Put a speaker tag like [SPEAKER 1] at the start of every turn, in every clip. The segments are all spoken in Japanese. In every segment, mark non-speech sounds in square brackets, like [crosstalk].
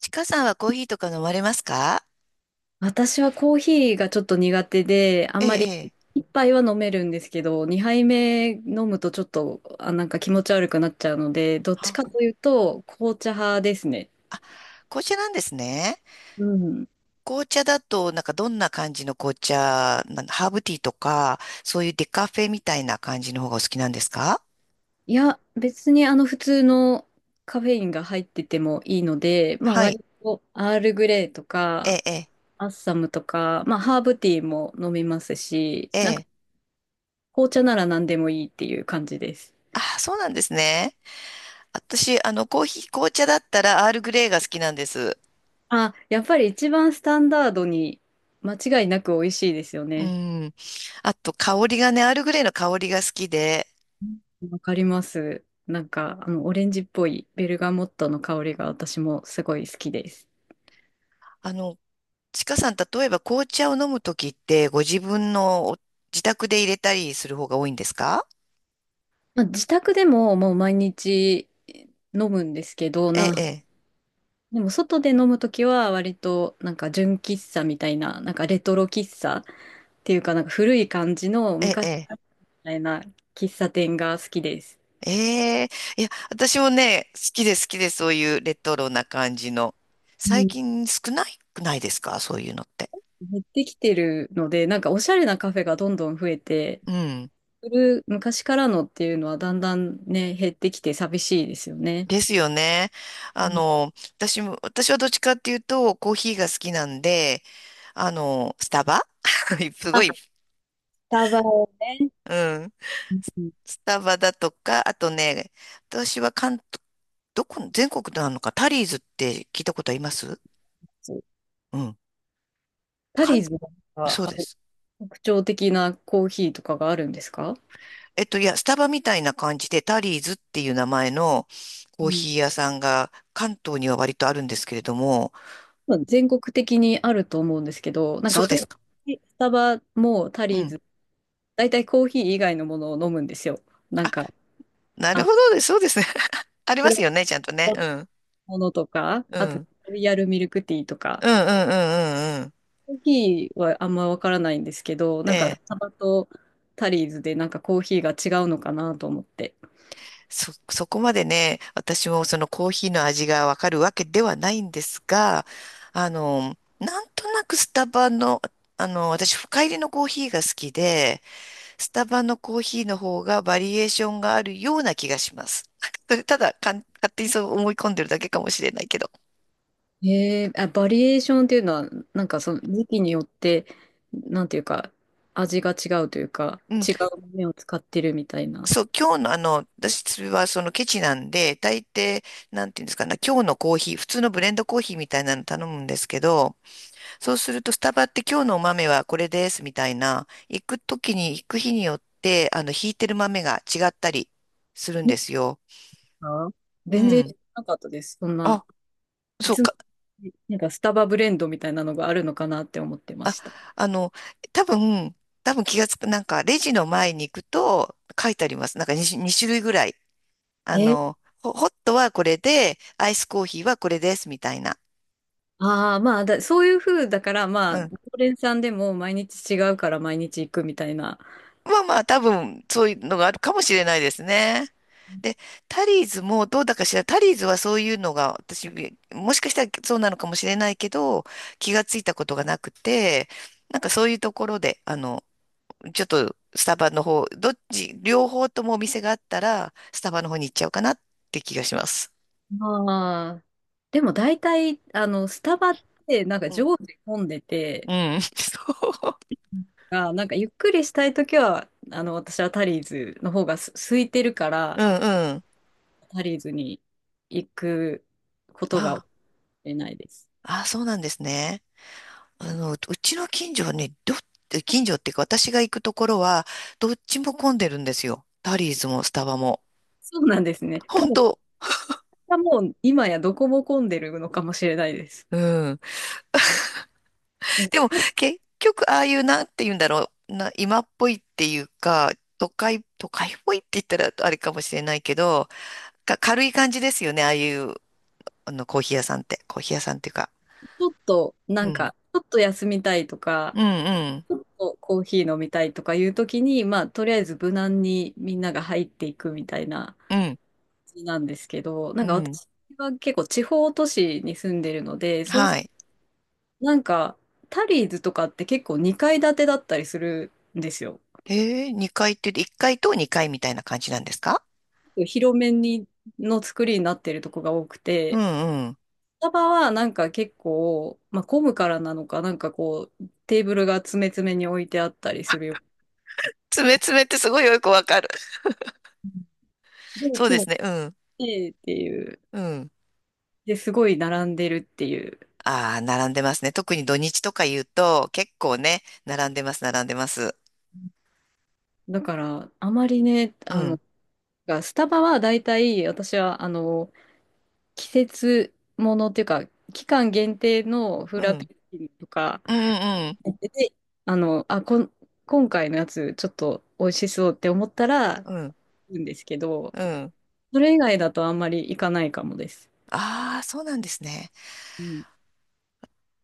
[SPEAKER 1] ちかさんはコーヒーとか飲まれますか？
[SPEAKER 2] 私はコーヒーがちょっと苦手で、あん
[SPEAKER 1] ええ、
[SPEAKER 2] まり、
[SPEAKER 1] ええ。
[SPEAKER 2] 一杯は飲めるんですけど、二杯目飲むとちょっと、あ、なんか気持ち悪くなっちゃうので、どっち
[SPEAKER 1] あ、
[SPEAKER 2] かというと紅茶派ですね。
[SPEAKER 1] 紅茶なんですね。
[SPEAKER 2] うん。
[SPEAKER 1] 紅茶だと、どんな感じの紅茶、ハーブティーとか、そういうデカフェみたいな感じの方がお好きなんですか？
[SPEAKER 2] いや、別にあの普通のカフェインが入っててもいいので、まあ
[SPEAKER 1] はい。
[SPEAKER 2] 割とアールグレイとか
[SPEAKER 1] ええ、
[SPEAKER 2] アッサムとか、まあハーブティーも飲みますし、
[SPEAKER 1] ええ、
[SPEAKER 2] なんか
[SPEAKER 1] ええ。
[SPEAKER 2] 紅茶なら何でもいいっていう感じです。
[SPEAKER 1] あ、そうなんですね。私、コーヒー、紅茶だったらアールグレイが好きなんです。
[SPEAKER 2] あ、やっぱり一番スタンダードに間違いなく美味しいですよ
[SPEAKER 1] う
[SPEAKER 2] ね。
[SPEAKER 1] ん。あと、香りがね、アールグレイの香りが好きで、
[SPEAKER 2] わかります。なんか、あの、オレンジっぽいベルガモットの香りが私もすごい好きです。
[SPEAKER 1] あの、ちかさん、例えば紅茶を飲むときって、ご自分のお自宅で入れたりする方が多いんですか？
[SPEAKER 2] まあ、自宅でももう毎日飲むんですけど、
[SPEAKER 1] ええ、
[SPEAKER 2] でも外で飲むときは割となんか純喫茶みたいな、なんかレトロ喫茶っていうかなんか古い感じの
[SPEAKER 1] ええ、
[SPEAKER 2] 昔
[SPEAKER 1] え
[SPEAKER 2] み
[SPEAKER 1] え。
[SPEAKER 2] たいな喫茶店が好きです。
[SPEAKER 1] ええ、いや、私もね、好きで好きで、そういうレトロな感じの。
[SPEAKER 2] う
[SPEAKER 1] 最
[SPEAKER 2] ん、
[SPEAKER 1] 近少ないくないですか、そういうのって。
[SPEAKER 2] 減ってきてるので、なんかおしゃれなカフェがどんどん増えて、
[SPEAKER 1] うん。
[SPEAKER 2] する昔からのっていうのはだんだんね、減ってきて寂しいですよね。
[SPEAKER 1] ですよね。
[SPEAKER 2] うん。
[SPEAKER 1] 私も、私はどっちかっていうと、コーヒーが好きなんで、スタバ [laughs] すご
[SPEAKER 2] あ、
[SPEAKER 1] い、
[SPEAKER 2] スタバをね、
[SPEAKER 1] うん。
[SPEAKER 2] うん
[SPEAKER 1] ス
[SPEAKER 2] うん。
[SPEAKER 1] スタバだとか、あとね、私は関東、どこ、全国なのか、タリーズって聞いたことあります？
[SPEAKER 2] そう、
[SPEAKER 1] うん。
[SPEAKER 2] タ
[SPEAKER 1] か
[SPEAKER 2] リ
[SPEAKER 1] ん、
[SPEAKER 2] ーズのなんか
[SPEAKER 1] そう
[SPEAKER 2] あ
[SPEAKER 1] で
[SPEAKER 2] の
[SPEAKER 1] す。
[SPEAKER 2] 特徴的なコーヒーとかがあるんですか？
[SPEAKER 1] スタバみたいな感じで、タリーズっていう名前のコ
[SPEAKER 2] う
[SPEAKER 1] ー
[SPEAKER 2] ん。
[SPEAKER 1] ヒー屋さんが関東には割とあるんですけれども、
[SPEAKER 2] 多分全国的にあると思うんですけど、なんか
[SPEAKER 1] そうで
[SPEAKER 2] 私、
[SPEAKER 1] すか。
[SPEAKER 2] スタバもタ
[SPEAKER 1] う
[SPEAKER 2] リー
[SPEAKER 1] ん。
[SPEAKER 2] ズ、大体コーヒー以外のものを飲むんですよ。なん
[SPEAKER 1] あ、
[SPEAKER 2] か、
[SPEAKER 1] なる
[SPEAKER 2] あ、
[SPEAKER 1] ほどです。そうですね。[laughs] あり
[SPEAKER 2] ブ
[SPEAKER 1] ま
[SPEAKER 2] ラッ
[SPEAKER 1] す
[SPEAKER 2] ク
[SPEAKER 1] よね、ちゃんとね。
[SPEAKER 2] の
[SPEAKER 1] うん。
[SPEAKER 2] ものとか、
[SPEAKER 1] う
[SPEAKER 2] あと、
[SPEAKER 1] ん。
[SPEAKER 2] ロイヤルミルクティーとか。
[SPEAKER 1] うんうんうんうんうん。
[SPEAKER 2] コーヒーはあんまわからないんですけど、なんかス
[SPEAKER 1] ええ、
[SPEAKER 2] タバとタリーズでなんかコーヒーが違うのかなと思って。
[SPEAKER 1] そこまでね、私もそのコーヒーの味がわかるわけではないんですが、なんとなくスタバの、私深入りのコーヒーが好きで、スタバのコーヒーの方がバリエーションがあるような気がします。[laughs] それただかん、勝手にそう思い込んでるだけかもしれないけど。
[SPEAKER 2] あ、バリエーションっていうのは、なんかその時期によって、なんていうか、味が違うというか、
[SPEAKER 1] うん。
[SPEAKER 2] 違う豆を使ってるみたいな。
[SPEAKER 1] そう、今日の私はそのケチなんで、大抵、なんていうんですかね、今日のコーヒー、普通のブレンドコーヒーみたいなの頼むんですけど、そうすると、スタバって今日のお豆はこれですみたいな、行く日によって、引いてる豆が違ったりするんですよ。
[SPEAKER 2] あ、
[SPEAKER 1] う
[SPEAKER 2] 全然知
[SPEAKER 1] ん。
[SPEAKER 2] らなかったです。そんな、
[SPEAKER 1] あ、
[SPEAKER 2] い
[SPEAKER 1] そう
[SPEAKER 2] つも、
[SPEAKER 1] か。
[SPEAKER 2] なんかスタバブレンドみたいなのがあるのかなって思ってま
[SPEAKER 1] あ、
[SPEAKER 2] した。
[SPEAKER 1] あの、多分、気がつく、なんか、レジの前に行くと書いてあります。なんか2、二種類ぐらい。あ
[SPEAKER 2] え
[SPEAKER 1] の、ホットはこれで、アイスコーヒーはこれですみたいな。
[SPEAKER 2] ああ、まあだ、そういう風だから、まあ、常連さんでも毎日違うから毎日行くみたいな。
[SPEAKER 1] まあまあ、多分、そういうのがあるかもしれないですね。で、タリーズもどうだかしら、タリーズはそういうのが、私、もしかしたらそうなのかもしれないけど、気がついたことがなくて、なんかそういうところで、ちょっとスタバの方、どっち、両方ともお店があったら、スタバの方に行っちゃうかなって気がします。
[SPEAKER 2] ああ。でも大体、あの、スタバって、なんか
[SPEAKER 1] うん。
[SPEAKER 2] 常時混んで
[SPEAKER 1] う
[SPEAKER 2] て、
[SPEAKER 1] ん。[laughs] そう。
[SPEAKER 2] あ、なんかゆっくりしたいときは、あの、私はタリーズの方がす空いてるか
[SPEAKER 1] う
[SPEAKER 2] ら、
[SPEAKER 1] んうん。
[SPEAKER 2] タリーズに行くことが
[SPEAKER 1] あ
[SPEAKER 2] 多いないです。
[SPEAKER 1] あ、そうなんですね。あの、うちの近所はね、近所っていうか私が行くところは、どっちも混んでるんですよ。タリーズもスタバも。
[SPEAKER 2] そうなんですね。多
[SPEAKER 1] 本
[SPEAKER 2] 分、
[SPEAKER 1] 当。
[SPEAKER 2] もう今やどこも混んでるのかもしれないです。
[SPEAKER 1] うん。
[SPEAKER 2] う
[SPEAKER 1] でも、
[SPEAKER 2] ん。
[SPEAKER 1] 結局、ああいうなんて言うんだろう。今っぽいっていうか、都会っぽいって言ったらあれかもしれないけど、軽い感じですよね。ああいう、あの、コーヒー屋さんって。コーヒー屋さんっていうか。
[SPEAKER 2] ちょっと、
[SPEAKER 1] う
[SPEAKER 2] なん
[SPEAKER 1] ん。
[SPEAKER 2] か、ちょっと休みたいとか、
[SPEAKER 1] うん
[SPEAKER 2] ちょっとコーヒー飲みたいとかいうときに、まあ、とりあえず無難にみんなが入っていくみたいな。
[SPEAKER 1] うん。うん。
[SPEAKER 2] なんですけど、な
[SPEAKER 1] う
[SPEAKER 2] んか
[SPEAKER 1] ん。
[SPEAKER 2] 私は結構地方都市に住んでるので、そう
[SPEAKER 1] は
[SPEAKER 2] す、
[SPEAKER 1] い。
[SPEAKER 2] なんかタリーズとかって結構2階建てだったりするんですよ。
[SPEAKER 1] えー、階って言って、1階と2階みたいな感じなんですか？
[SPEAKER 2] 広めにの作りになってるとこが多く
[SPEAKER 1] う
[SPEAKER 2] て、
[SPEAKER 1] んうん。
[SPEAKER 2] スタバはなんか結構、まあ、混むからなのか、なんかこう、テーブルが詰め詰めに置いてあったりするよ。
[SPEAKER 1] 爪爪ってすごいよくわかる。
[SPEAKER 2] で、い
[SPEAKER 1] そう
[SPEAKER 2] つ
[SPEAKER 1] で
[SPEAKER 2] も
[SPEAKER 1] す
[SPEAKER 2] 来
[SPEAKER 1] ね。うん。
[SPEAKER 2] てっていう。
[SPEAKER 1] うん。
[SPEAKER 2] で、すごい並んでるっていう。
[SPEAKER 1] ああ、並んでますね。特に土日とか言うと、結構ね、並んでます、並んでます。
[SPEAKER 2] だから、あまりね、
[SPEAKER 1] う
[SPEAKER 2] あの、
[SPEAKER 1] ん。
[SPEAKER 2] がスタバは大体私はあの季節ものっていうか、期間限定のフ
[SPEAKER 1] う
[SPEAKER 2] ラペ
[SPEAKER 1] ん。
[SPEAKER 2] チーノとか
[SPEAKER 1] うん、うん、
[SPEAKER 2] やってて、あの、今回のやつちょっと美味しそうって思ったら、
[SPEAKER 1] うん、
[SPEAKER 2] 行くんですけど、
[SPEAKER 1] うん。
[SPEAKER 2] それ以外だとあんまり行かないかもです。
[SPEAKER 1] ああ、そうなんですね。
[SPEAKER 2] うん。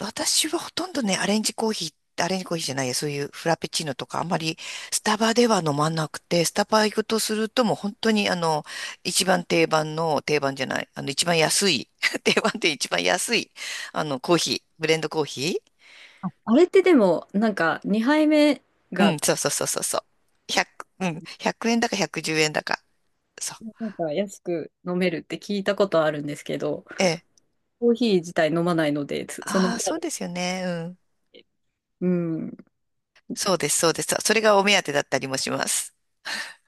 [SPEAKER 1] 私はほとんどね、アレンジコーヒーじゃないや、そういうフラペチーノとか、あんまりスタバでは飲まなくて、スタバ行くとするともう本当にあの、一番定番の、定番じゃない、あの、一番安い、[laughs] 定番って一番安い、あの、コーヒー、ブレンドコーヒー。
[SPEAKER 2] あ、あれってでも、なんか2杯目
[SPEAKER 1] うん、
[SPEAKER 2] が
[SPEAKER 1] そうそうそうそうそう。100、うん、1円だか110円だか。そう。
[SPEAKER 2] なんか安く飲めるって聞いたことあるんですけど、
[SPEAKER 1] ええ。
[SPEAKER 2] コーヒー自体飲まないので、その
[SPEAKER 1] あ
[SPEAKER 2] サ
[SPEAKER 1] あ、そう
[SPEAKER 2] ービス
[SPEAKER 1] ですよね。うん。
[SPEAKER 2] で。うん。
[SPEAKER 1] そうです、そうです。それがお目当てだったりもします。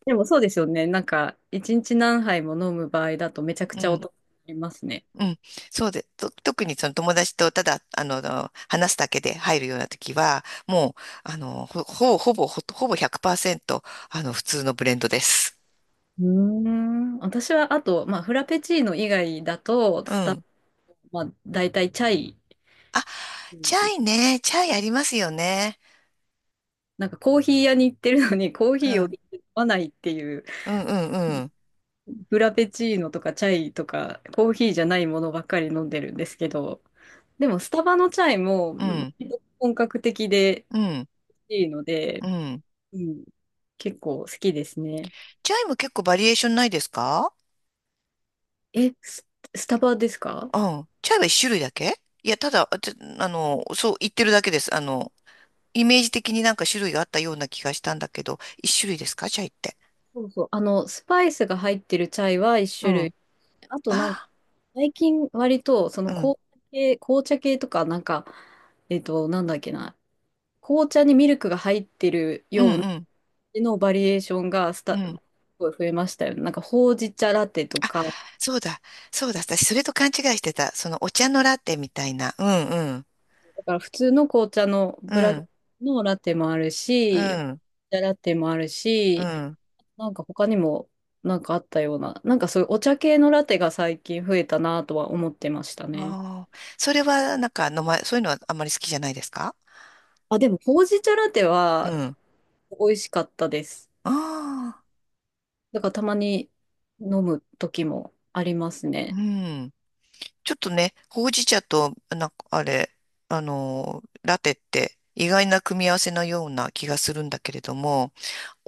[SPEAKER 2] でもそうですよね。なんか、一日何杯も飲む場合だとめちゃく
[SPEAKER 1] う
[SPEAKER 2] ちゃお
[SPEAKER 1] ん。
[SPEAKER 2] 得になりますね。
[SPEAKER 1] うん。そうで、特にその友達とただ、話すだけで入るような時は、もう、あの、ほぼ100%、普通のブレンドです。
[SPEAKER 2] うーん。私は、あと、まあ、フラペチーノ以外だと、
[SPEAKER 1] うん。
[SPEAKER 2] まあ、大体チャイ。
[SPEAKER 1] あ、
[SPEAKER 2] う
[SPEAKER 1] チャ
[SPEAKER 2] ん。
[SPEAKER 1] イね。チャイありますよね。
[SPEAKER 2] なんかコーヒー屋に行ってるのにコー
[SPEAKER 1] う
[SPEAKER 2] ヒーを
[SPEAKER 1] ん。
[SPEAKER 2] 飲まないっていう、
[SPEAKER 1] うん、うん、うん。
[SPEAKER 2] フラペチーノとかチャイとかコーヒーじゃないものばっかり飲んでるんですけど、でもスタバのチャイも
[SPEAKER 1] うん、
[SPEAKER 2] 割と本格的で
[SPEAKER 1] うん、
[SPEAKER 2] いいので、
[SPEAKER 1] うん。
[SPEAKER 2] うん、結構好きですね。
[SPEAKER 1] チャイも結構バリエーションないですか？
[SPEAKER 2] え、ス、スタバですか？
[SPEAKER 1] うん。チャイは一種類だけ、いや、ただ、あちょあの、そう言ってるだけです。あの、イメージ的になんか種類があったような気がしたんだけど、一種類ですか、チャイって。
[SPEAKER 2] そうそう。あの、スパイスが入ってるチャイは一
[SPEAKER 1] う
[SPEAKER 2] 種
[SPEAKER 1] ん。
[SPEAKER 2] 類。あとなんか
[SPEAKER 1] あ
[SPEAKER 2] 最近割とそ
[SPEAKER 1] あ、
[SPEAKER 2] の
[SPEAKER 1] うん。
[SPEAKER 2] 紅茶系とかなんか、なんだっけな、紅茶にミルクが入ってる
[SPEAKER 1] うん
[SPEAKER 2] ような
[SPEAKER 1] うん。
[SPEAKER 2] のバリエーションが
[SPEAKER 1] う
[SPEAKER 2] す
[SPEAKER 1] ん。
[SPEAKER 2] ごい増えましたよね。なんかほうじ茶ラテとか、
[SPEAKER 1] そうだ。そうだ。私、それと勘違いしてた。その、お茶のラテみたいな。うんうん。
[SPEAKER 2] だから普通の紅茶の
[SPEAKER 1] う
[SPEAKER 2] ブラック
[SPEAKER 1] ん。
[SPEAKER 2] のラテもある
[SPEAKER 1] う
[SPEAKER 2] し、紅
[SPEAKER 1] ん。
[SPEAKER 2] 茶ラテもある
[SPEAKER 1] う
[SPEAKER 2] し、
[SPEAKER 1] ん。
[SPEAKER 2] なんか他にもなんかあったような、なんかそういうお茶系のラテが最近増えたなとは思ってましたね。
[SPEAKER 1] ああ。それは、なんか、そういうのはあんまり好きじゃないですか？
[SPEAKER 2] あ、でもほうじ茶ラテ
[SPEAKER 1] う
[SPEAKER 2] は
[SPEAKER 1] ん。
[SPEAKER 2] 美味しかったです。
[SPEAKER 1] ああ。
[SPEAKER 2] だからたまに飲む時もあります
[SPEAKER 1] う
[SPEAKER 2] ね。
[SPEAKER 1] ん。ちょっとね、ほうじ茶と、なんかあれ、あのー、ラテって意外な組み合わせのような気がするんだけれども、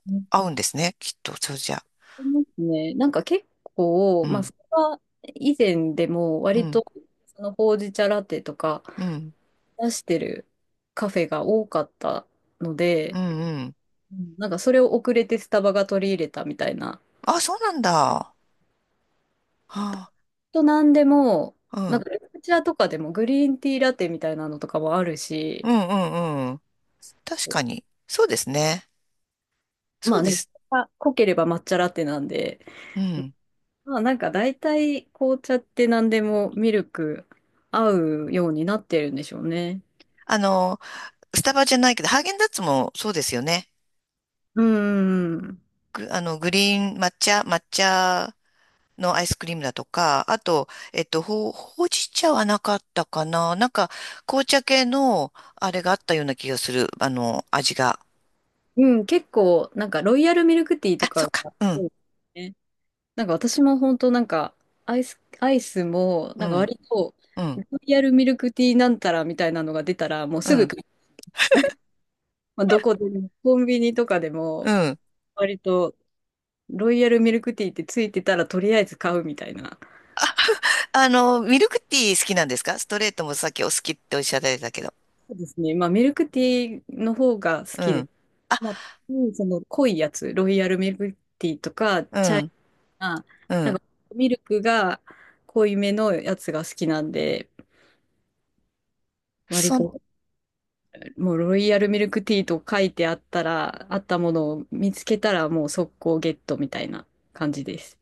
[SPEAKER 2] うん。
[SPEAKER 1] 合うんですね、きっと、そうじゃ。
[SPEAKER 2] ありますね。なんか結構、
[SPEAKER 1] う
[SPEAKER 2] まあ、
[SPEAKER 1] ん、
[SPEAKER 2] それは以前でも
[SPEAKER 1] う
[SPEAKER 2] 割
[SPEAKER 1] ん、
[SPEAKER 2] とそのほうじ茶ラテとか
[SPEAKER 1] うん、
[SPEAKER 2] 出してるカフェが多かったの
[SPEAKER 1] う
[SPEAKER 2] で、
[SPEAKER 1] ん、うん。
[SPEAKER 2] うん、なんかそれを遅れてスタバが取り入れたみたいな。
[SPEAKER 1] あ、そうなんだ。はあ、
[SPEAKER 2] となんでも、
[SPEAKER 1] う
[SPEAKER 2] な
[SPEAKER 1] ん、
[SPEAKER 2] んか緑茶とかでもグリーンティーラテみたいなのとかもあるし、
[SPEAKER 1] うん、うん、うん。確
[SPEAKER 2] そう、
[SPEAKER 1] かに。そうですね。そ
[SPEAKER 2] ま
[SPEAKER 1] う
[SPEAKER 2] あ
[SPEAKER 1] で
[SPEAKER 2] ね、
[SPEAKER 1] す。
[SPEAKER 2] 濃ければ抹茶ラテなんで、
[SPEAKER 1] うん。
[SPEAKER 2] まあなんか大体紅茶って何でもミルク合うようになってるんでしょうね。
[SPEAKER 1] あの、スタバじゃないけど、ハーゲンダッツもそうですよね。
[SPEAKER 2] うん。
[SPEAKER 1] あの、グリーン抹茶、抹茶のアイスクリームだとか、あと、えっと、ほうじ茶はなかったかな、なんか、紅茶系の、あれがあったような気がする。あの、味が。
[SPEAKER 2] うん、結構なんかロイヤルミルクティーと
[SPEAKER 1] あ、そ
[SPEAKER 2] か
[SPEAKER 1] っか。
[SPEAKER 2] が
[SPEAKER 1] う
[SPEAKER 2] 多
[SPEAKER 1] ん、
[SPEAKER 2] いですね。なんか私も本当なんかアイスも
[SPEAKER 1] う
[SPEAKER 2] なんか
[SPEAKER 1] ん、
[SPEAKER 2] 割と
[SPEAKER 1] うん、
[SPEAKER 2] ロイヤルミルクティーなんたらみたいなのが出たらもう
[SPEAKER 1] う
[SPEAKER 2] すぐ
[SPEAKER 1] ん、
[SPEAKER 2] 買う、まあ、どこでもコンビニとかで
[SPEAKER 1] う
[SPEAKER 2] も
[SPEAKER 1] ん。
[SPEAKER 2] 割とロイヤルミルクティーってついてたらとりあえず買うみたいな。
[SPEAKER 1] あの、ミルクティー好きなんですか？ストレートもさっきお好きっておっしゃられたけど。
[SPEAKER 2] そうですね。まあ、ミルクティーの方が好
[SPEAKER 1] う
[SPEAKER 2] きで、
[SPEAKER 1] ん、
[SPEAKER 2] まあ、うん、その濃いやつ、ロイヤルミルクティーとか、
[SPEAKER 1] う
[SPEAKER 2] チャイ
[SPEAKER 1] ん、
[SPEAKER 2] ナ、
[SPEAKER 1] う
[SPEAKER 2] なん
[SPEAKER 1] ん。
[SPEAKER 2] かミルクが濃いめのやつが好きなんで、割
[SPEAKER 1] そ、
[SPEAKER 2] ともうロイヤルミルクティーと書いてあったら、あったものを見つけたらもう速攻ゲットみたいな感じです。